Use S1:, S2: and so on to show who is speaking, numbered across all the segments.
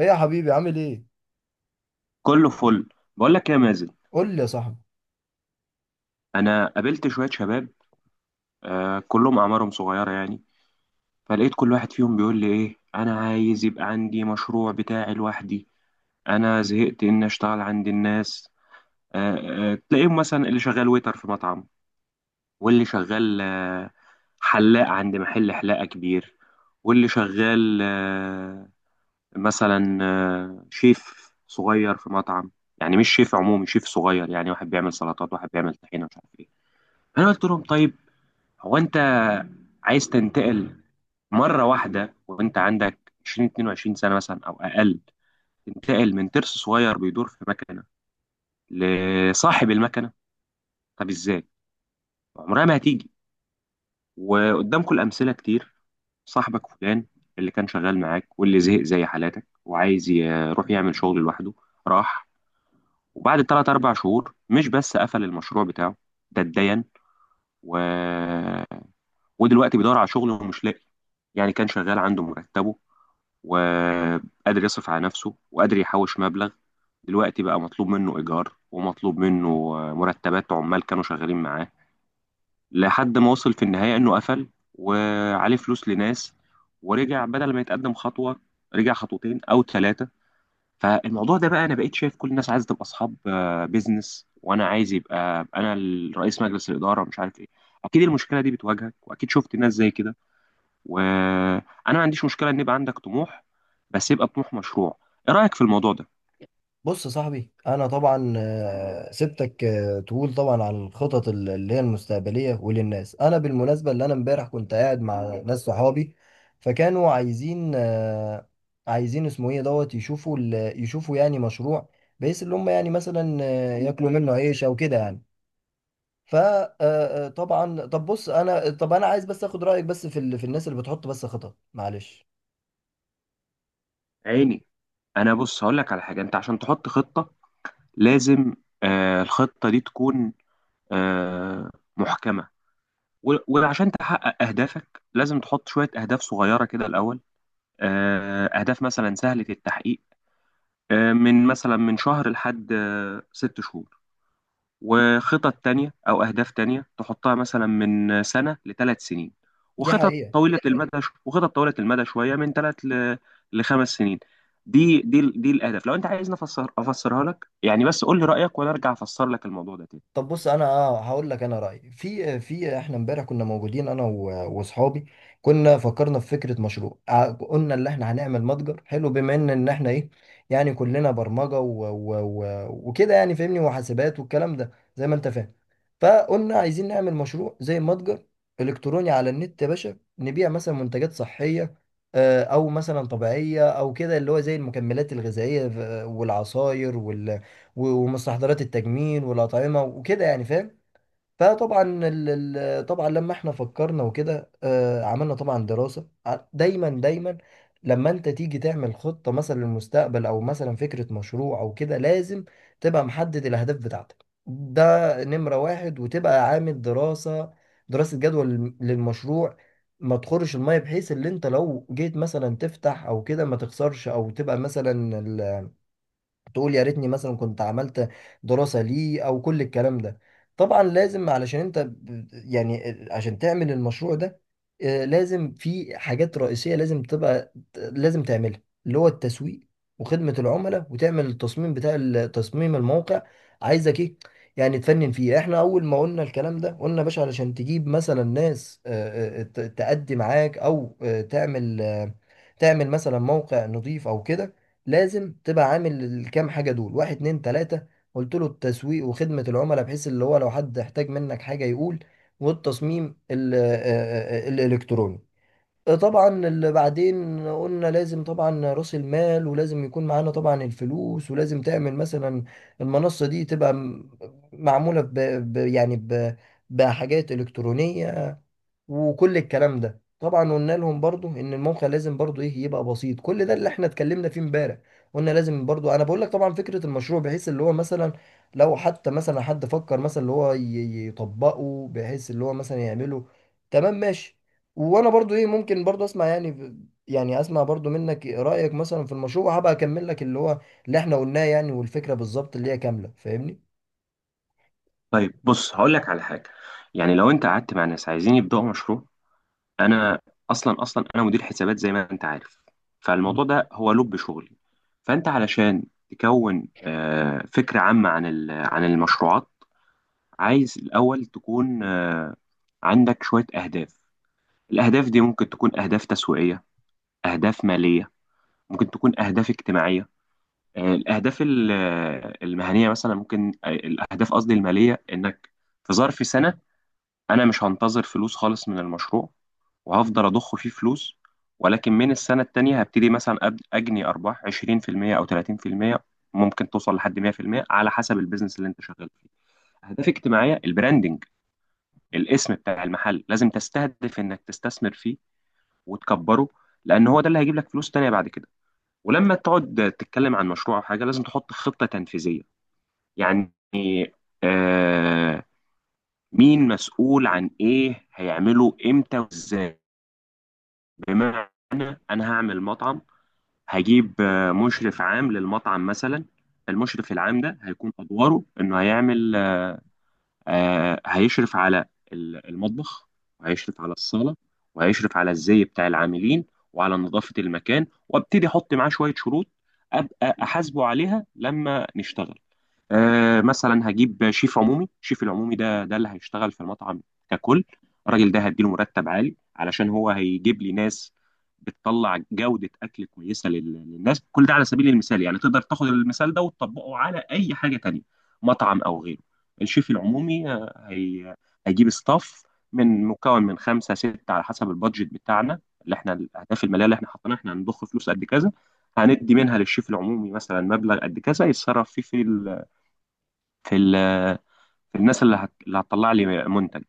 S1: ايه يا حبيبي عامل ايه؟
S2: كله فل. بقول لك إيه يا مازن؟
S1: قول لي يا صاحبي.
S2: انا قابلت شويه شباب، كلهم اعمارهم صغيره يعني. فلقيت كل واحد فيهم بيقول لي ايه، انا عايز يبقى عندي مشروع بتاعي لوحدي. انا زهقت ان اشتغل عند الناس. تلاقيهم مثلا اللي شغال ويتر في مطعم، واللي شغال حلاق عند محل حلاقه كبير، واللي شغال مثلا شيف صغير في مطعم. يعني مش شيف عمومي، شيف صغير، يعني واحد بيعمل سلطات، واحد بيعمل طحينه، مش عارف ايه. انا قلت لهم طيب، هو انت عايز تنتقل مره واحده وانت عندك 20 22 سنه مثلا او اقل، تنتقل من ترس صغير بيدور في مكنه لصاحب المكنه؟ طب ازاي؟ عمرها ما هتيجي. وقدامكم الامثله كتير. صاحبك فلان اللي كان شغال معاك واللي زهق زي حالاتك وعايز يروح يعمل شغل لوحده، راح وبعد 3 4 شهور مش بس قفل المشروع بتاعه، ده اتدين و... ودلوقتي بيدور على شغل ومش لاقي. يعني كان شغال عنده مرتبه، وقادر يصرف على نفسه، وقادر يحوش مبلغ. دلوقتي بقى مطلوب منه إيجار، ومطلوب منه مرتبات عمال كانوا شغالين معاه، لحد ما وصل في النهاية إنه قفل وعليه فلوس لناس، ورجع بدل ما يتقدم خطوة رجع خطوتين أو ثلاثة. فالموضوع ده بقى، أنا بقيت شايف كل الناس عايزة تبقى أصحاب بيزنس، وأنا عايز يبقى أنا رئيس مجلس الإدارة مش عارف إيه. أكيد المشكلة دي بتواجهك وأكيد شفت ناس زي كده. وانا ما عنديش مشكله ان يبقى عندك طموح، بس يبقى طموح مشروع. ايه رايك في الموضوع ده؟
S1: بص يا صاحبي انا طبعا سبتك تقول طبعا عن الخطط اللي هي المستقبليه وللناس. انا بالمناسبه اللي انا امبارح كنت قاعد مع ناس صحابي فكانوا عايزين عايزين اسمه ايه دوت يشوفوا يشوفوا يعني مشروع، بحيث اللي هم يعني مثلا ياكلوا منه عيش او كده يعني. فطبعا طب بص انا عايز بس اخد رايك بس في في الناس اللي بتحط بس خطط، معلش.
S2: عيني انا. بص هقول لك على حاجه. انت عشان تحط خطه لازم الخطه دي تكون آه محكمه. و- وعشان تحقق اهدافك لازم تحط شويه اهداف صغيره كده الاول، اهداف مثلا سهله التحقيق، من مثلا من شهر لحد ست شهور. وخطط تانية أو أهداف تانية تحطها مثلا من سنة لثلاث سنين.
S1: دي
S2: وخطط
S1: حقيقه.
S2: طويلة المدى. وخطط طويلة المدى شوية من ثلاث لخمس سنين. دي الأهداف، لو أنت عايزني أفسرها لك يعني، بس قول لي رأيك وأنا أرجع أفسر لك الموضوع ده تاني.
S1: طب بص انا اه هقول لك انا رايي في احنا امبارح كنا موجودين انا واصحابي. كنا فكرنا في فكره مشروع، قلنا ان احنا هنعمل متجر حلو، بما ان احنا ايه، يعني كلنا برمجه و وكده يعني فاهمني، وحاسبات والكلام ده زي ما انت فاهم. فقلنا عايزين نعمل مشروع زي متجر الكتروني على النت يا باشا، نبيع مثلا منتجات صحيه، او مثلا طبيعيه او كده، اللي هو زي المكملات الغذائيه، والعصاير ومستحضرات التجميل والأطعمة وكده يعني فاهم. فطبعا طبعا لما احنا فكرنا وكده عملنا طبعا دراسة، دايما لما انت تيجي تعمل خطة مثلا للمستقبل او مثلا فكرة مشروع او كده، لازم تبقى محدد الاهداف بتاعتك، ده نمرة واحد، وتبقى عامل دراسة جدوى للمشروع، ما تخرش المية، بحيث ان انت لو جيت مثلا تفتح او كده ما تخسرش، او تبقى مثلا تقول يا ريتني مثلا كنت عملت دراسة ليه او كل الكلام ده. طبعا لازم، علشان انت يعني عشان تعمل المشروع ده لازم في حاجات رئيسية لازم لازم تعملها، اللي هو التسويق وخدمة العملاء، وتعمل التصميم بتاع تصميم الموقع، عايزك ايه، يعني تفنن فيه. احنا اول ما قلنا الكلام ده قلنا يا باشا علشان تجيب مثلا ناس تأدي معاك، او تعمل تعمل مثلا موقع نظيف او كده، لازم تبقى عامل الكام حاجة دول، واحد اتنين تلاتة. قلت له التسويق وخدمة العملاء بحيث اللي هو لو حد احتاج منك حاجة يقول، والتصميم الإلكتروني. طبعا اللي بعدين قلنا لازم طبعا رأس المال، ولازم يكون معانا طبعا الفلوس، ولازم تعمل مثلا المنصة دي تبقى معمولة ب ب- يعني ب بحاجات إلكترونية وكل الكلام ده. طبعا قلنا لهم برضو ان الموقع لازم برضو ايه، يبقى بسيط. كل ده اللي احنا اتكلمنا فيه امبارح. قلنا لازم برضو، انا بقول لك طبعا فكرة المشروع بحيث اللي هو مثلا لو حتى مثلا حد فكر مثلا اللي هو يطبقه بحيث اللي هو مثلا يعمله، تمام ماشي. وانا برضو ايه، ممكن برضو اسمع يعني يعني اسمع برضو منك رأيك مثلا في المشروع، وهبقى اكمل لك اللي هو اللي احنا قلناه يعني، والفكرة بالظبط اللي هي كاملة، فاهمني.
S2: طيب بص هقول لك على حاجة، يعني لو أنت قعدت مع ناس عايزين يبدأوا مشروع. أنا أصلا، أصلا أنا مدير حسابات زي ما أنت عارف، فالموضوع ده هو لب شغلي. فأنت علشان تكون فكرة عامة عن المشروعات، عايز الأول تكون عندك شوية أهداف. الأهداف دي ممكن تكون أهداف تسويقية، أهداف مالية، ممكن تكون أهداف اجتماعية. الأهداف المهنية مثلا، ممكن الأهداف قصدي المالية، إنك في ظرف سنة أنا مش هنتظر فلوس خالص من المشروع، وهفضل أضخ فيه فلوس، ولكن من السنة التانية هبتدي مثلا أجني أرباح 20% أو 30%، ممكن توصل لحد 100% على حسب البيزنس اللي أنت شغال فيه. أهداف اجتماعية، البراندنج، الاسم بتاع المحل لازم تستهدف انك تستثمر فيه وتكبره، لان هو ده اللي هيجيب لك فلوس تانية بعد كده. ولما تقعد تتكلم عن مشروع او حاجه لازم تحط خطه تنفيذيه. يعني آه مين مسؤول عن ايه، هيعمله امتى وازاي. بمعنى انا هعمل مطعم، هجيب مشرف عام للمطعم مثلا. المشرف العام ده هيكون ادواره انه هيعمل، هيشرف على المطبخ، وهيشرف على الصالة، وهيشرف على الزي بتاع العاملين، وعلى نظافة المكان، وابتدي احط معاه شوية شروط ابقى احاسبه عليها لما نشتغل. مثلا هجيب شيف عمومي. شيف العمومي ده اللي هيشتغل في المطعم ككل. الراجل ده هديله مرتب عالي علشان هو هيجيب لي ناس بتطلع جودة أكل كويسة للناس. كل ده على سبيل المثال يعني، تقدر تاخد المثال ده وتطبقه على أي حاجة تانية، مطعم أو غيره. الشيف العمومي آه، هي هيجيب ستاف مكون من خمسة ستة على حسب البادجت بتاعنا، اللي احنا الأهداف المالية اللي احنا حاطينها احنا هنضخ فلوس قد كذا، هندي منها للشيف العمومي مثلا مبلغ قد كذا يتصرف فيه في في ال- في الناس اللي هتطلع لي منتج.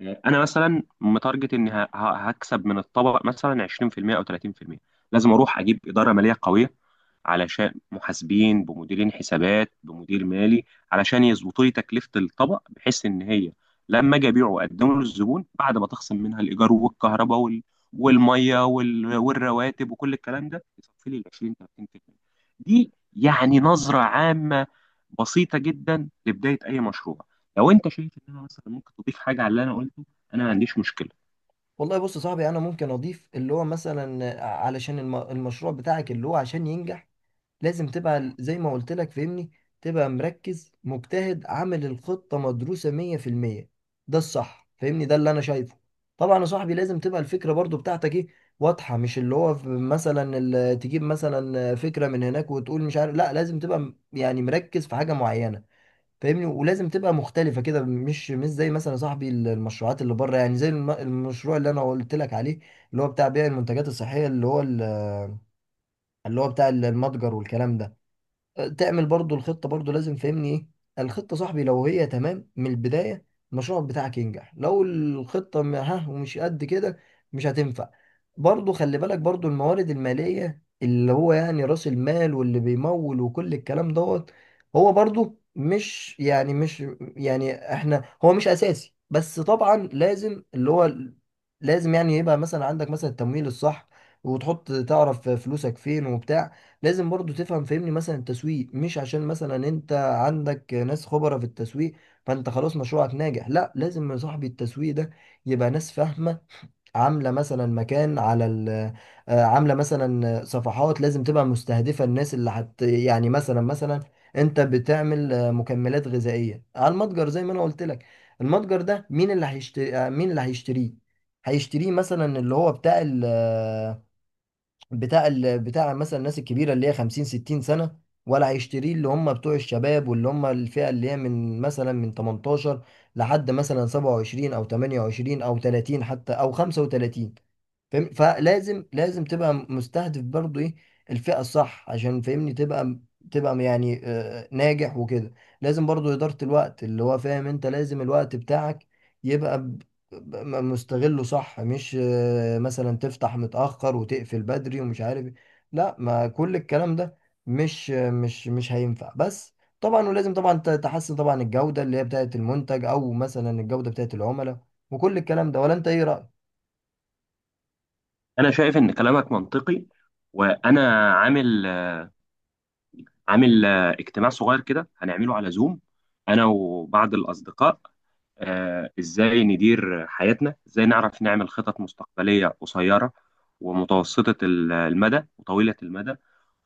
S2: انا مثلا متارجت اني هكسب من الطبق مثلا 20% او 30%. لازم اروح اجيب اداره ماليه قويه، علشان محاسبين بمديرين حسابات بمدير مالي، علشان يظبطوا لي تكلفة الطبق بحيث إن هي لما أجي أبيعه وأقدمه للزبون بعد ما تخصم منها الإيجار والكهرباء والمية والرواتب وكل الكلام ده يصفي لي ال 20 30%. دي يعني نظرة عامة بسيطة جدا لبداية أي مشروع. لو أنت شايف إن أنا مثلا ممكن تضيف حاجة على اللي أنا قلته، أنا ما عنديش مشكلة.
S1: والله بص يا صاحبي، انا ممكن اضيف اللي هو مثلا علشان المشروع بتاعك اللي هو عشان ينجح، لازم تبقى زي ما قلت لك فهمني، تبقى مركز مجتهد عامل الخطة مدروسة 100%. ده الصح فهمني، ده اللي انا شايفه. طبعا يا صاحبي لازم تبقى الفكرة برضو بتاعتك ايه، واضحة، مش اللي هو تجيب مثلا فكرة من هناك وتقول مش عارف. لا، لازم تبقى يعني مركز في حاجة معينة فاهمني، ولازم تبقى مختلفة كده، مش زي مثلا يا صاحبي المشروعات اللي بره، يعني زي المشروع اللي انا قلت لك عليه، اللي هو بتاع بيع المنتجات الصحية، اللي هو اللي هو بتاع المتجر والكلام ده. تعمل برضو الخطة، برضو لازم فهمني ايه الخطة صاحبي، لو هي تمام من البداية المشروع بتاعك ينجح، لو الخطة م- ها ومش قد كده، مش هتنفع. برضو خلي بالك برضو الموارد المالية اللي هو يعني رأس المال واللي بيمول وكل الكلام دوت، هو برضو مش يعني مش يعني احنا هو مش أساسي بس طبعا لازم اللي هو لازم يعني يبقى مثلا عندك مثلا التمويل الصح، وتحط تعرف فلوسك فين وبتاع. لازم برضو تفهم فهمني مثلا التسويق، مش عشان مثلا انت عندك ناس خبرة في التسويق فانت خلاص مشروعك ناجح. لا، لازم يا صاحبي التسويق ده يبقى ناس فاهمة، عاملة مثلا مكان على ال عاملة مثلا صفحات، لازم تبقى مستهدفة الناس اللي حت يعني مثلا انت بتعمل مكملات غذائية على المتجر زي ما انا قلت لك، المتجر ده مين اللي هيشتري مين اللي هيشتريه، هيشتريه مثلا اللي هو بتاع مثلا الناس الكبيره اللي هي 50 60 سنه، ولا هيشتريه اللي هم بتوع الشباب واللي هم الفئه اللي هي من مثلا من 18 لحد مثلا 27 او 28 او 30 حتى او 35. فاهم؟ فلازم تبقى مستهدف برضو ايه الفئة الصح عشان فاهمني تبقى يعني ناجح وكده. لازم برضو إدارة الوقت اللي هو فاهم، انت لازم الوقت بتاعك يبقى مستغله صح، مش مثلا تفتح متأخر وتقفل بدري ومش عارف إيه. لا، ما كل الكلام ده مش مش هينفع بس. طبعا ولازم طبعا تحسن طبعا الجودة اللي هي بتاعت المنتج او مثلا الجودة بتاعت العملاء وكل الكلام ده. ولا انت ايه رأيك؟
S2: أنا شايف إن كلامك منطقي. وأنا عامل اجتماع صغير كده هنعمله على زوم، انا وبعض الاصدقاء، ازاي ندير حياتنا، ازاي نعرف نعمل خطط مستقبليه قصيره ومتوسطه المدى وطويله المدى،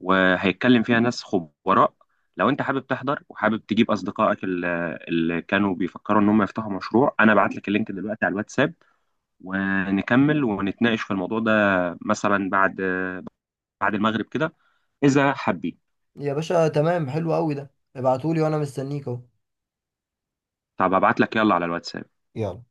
S2: وهيتكلم فيها ناس خبراء. لو انت حابب تحضر وحابب تجيب اصدقائك اللي كانوا بيفكروا ان هم يفتحوا مشروع، انا ابعت لك اللينك دلوقتي على الواتساب، ونكمل ونتناقش في الموضوع ده مثلا بعد المغرب كده، اذا حابين.
S1: يا باشا تمام، حلو قوي، ده ابعتولي وانا مستنيك اهو.
S2: طب ابعت لك يلا على الواتساب.
S1: يلا.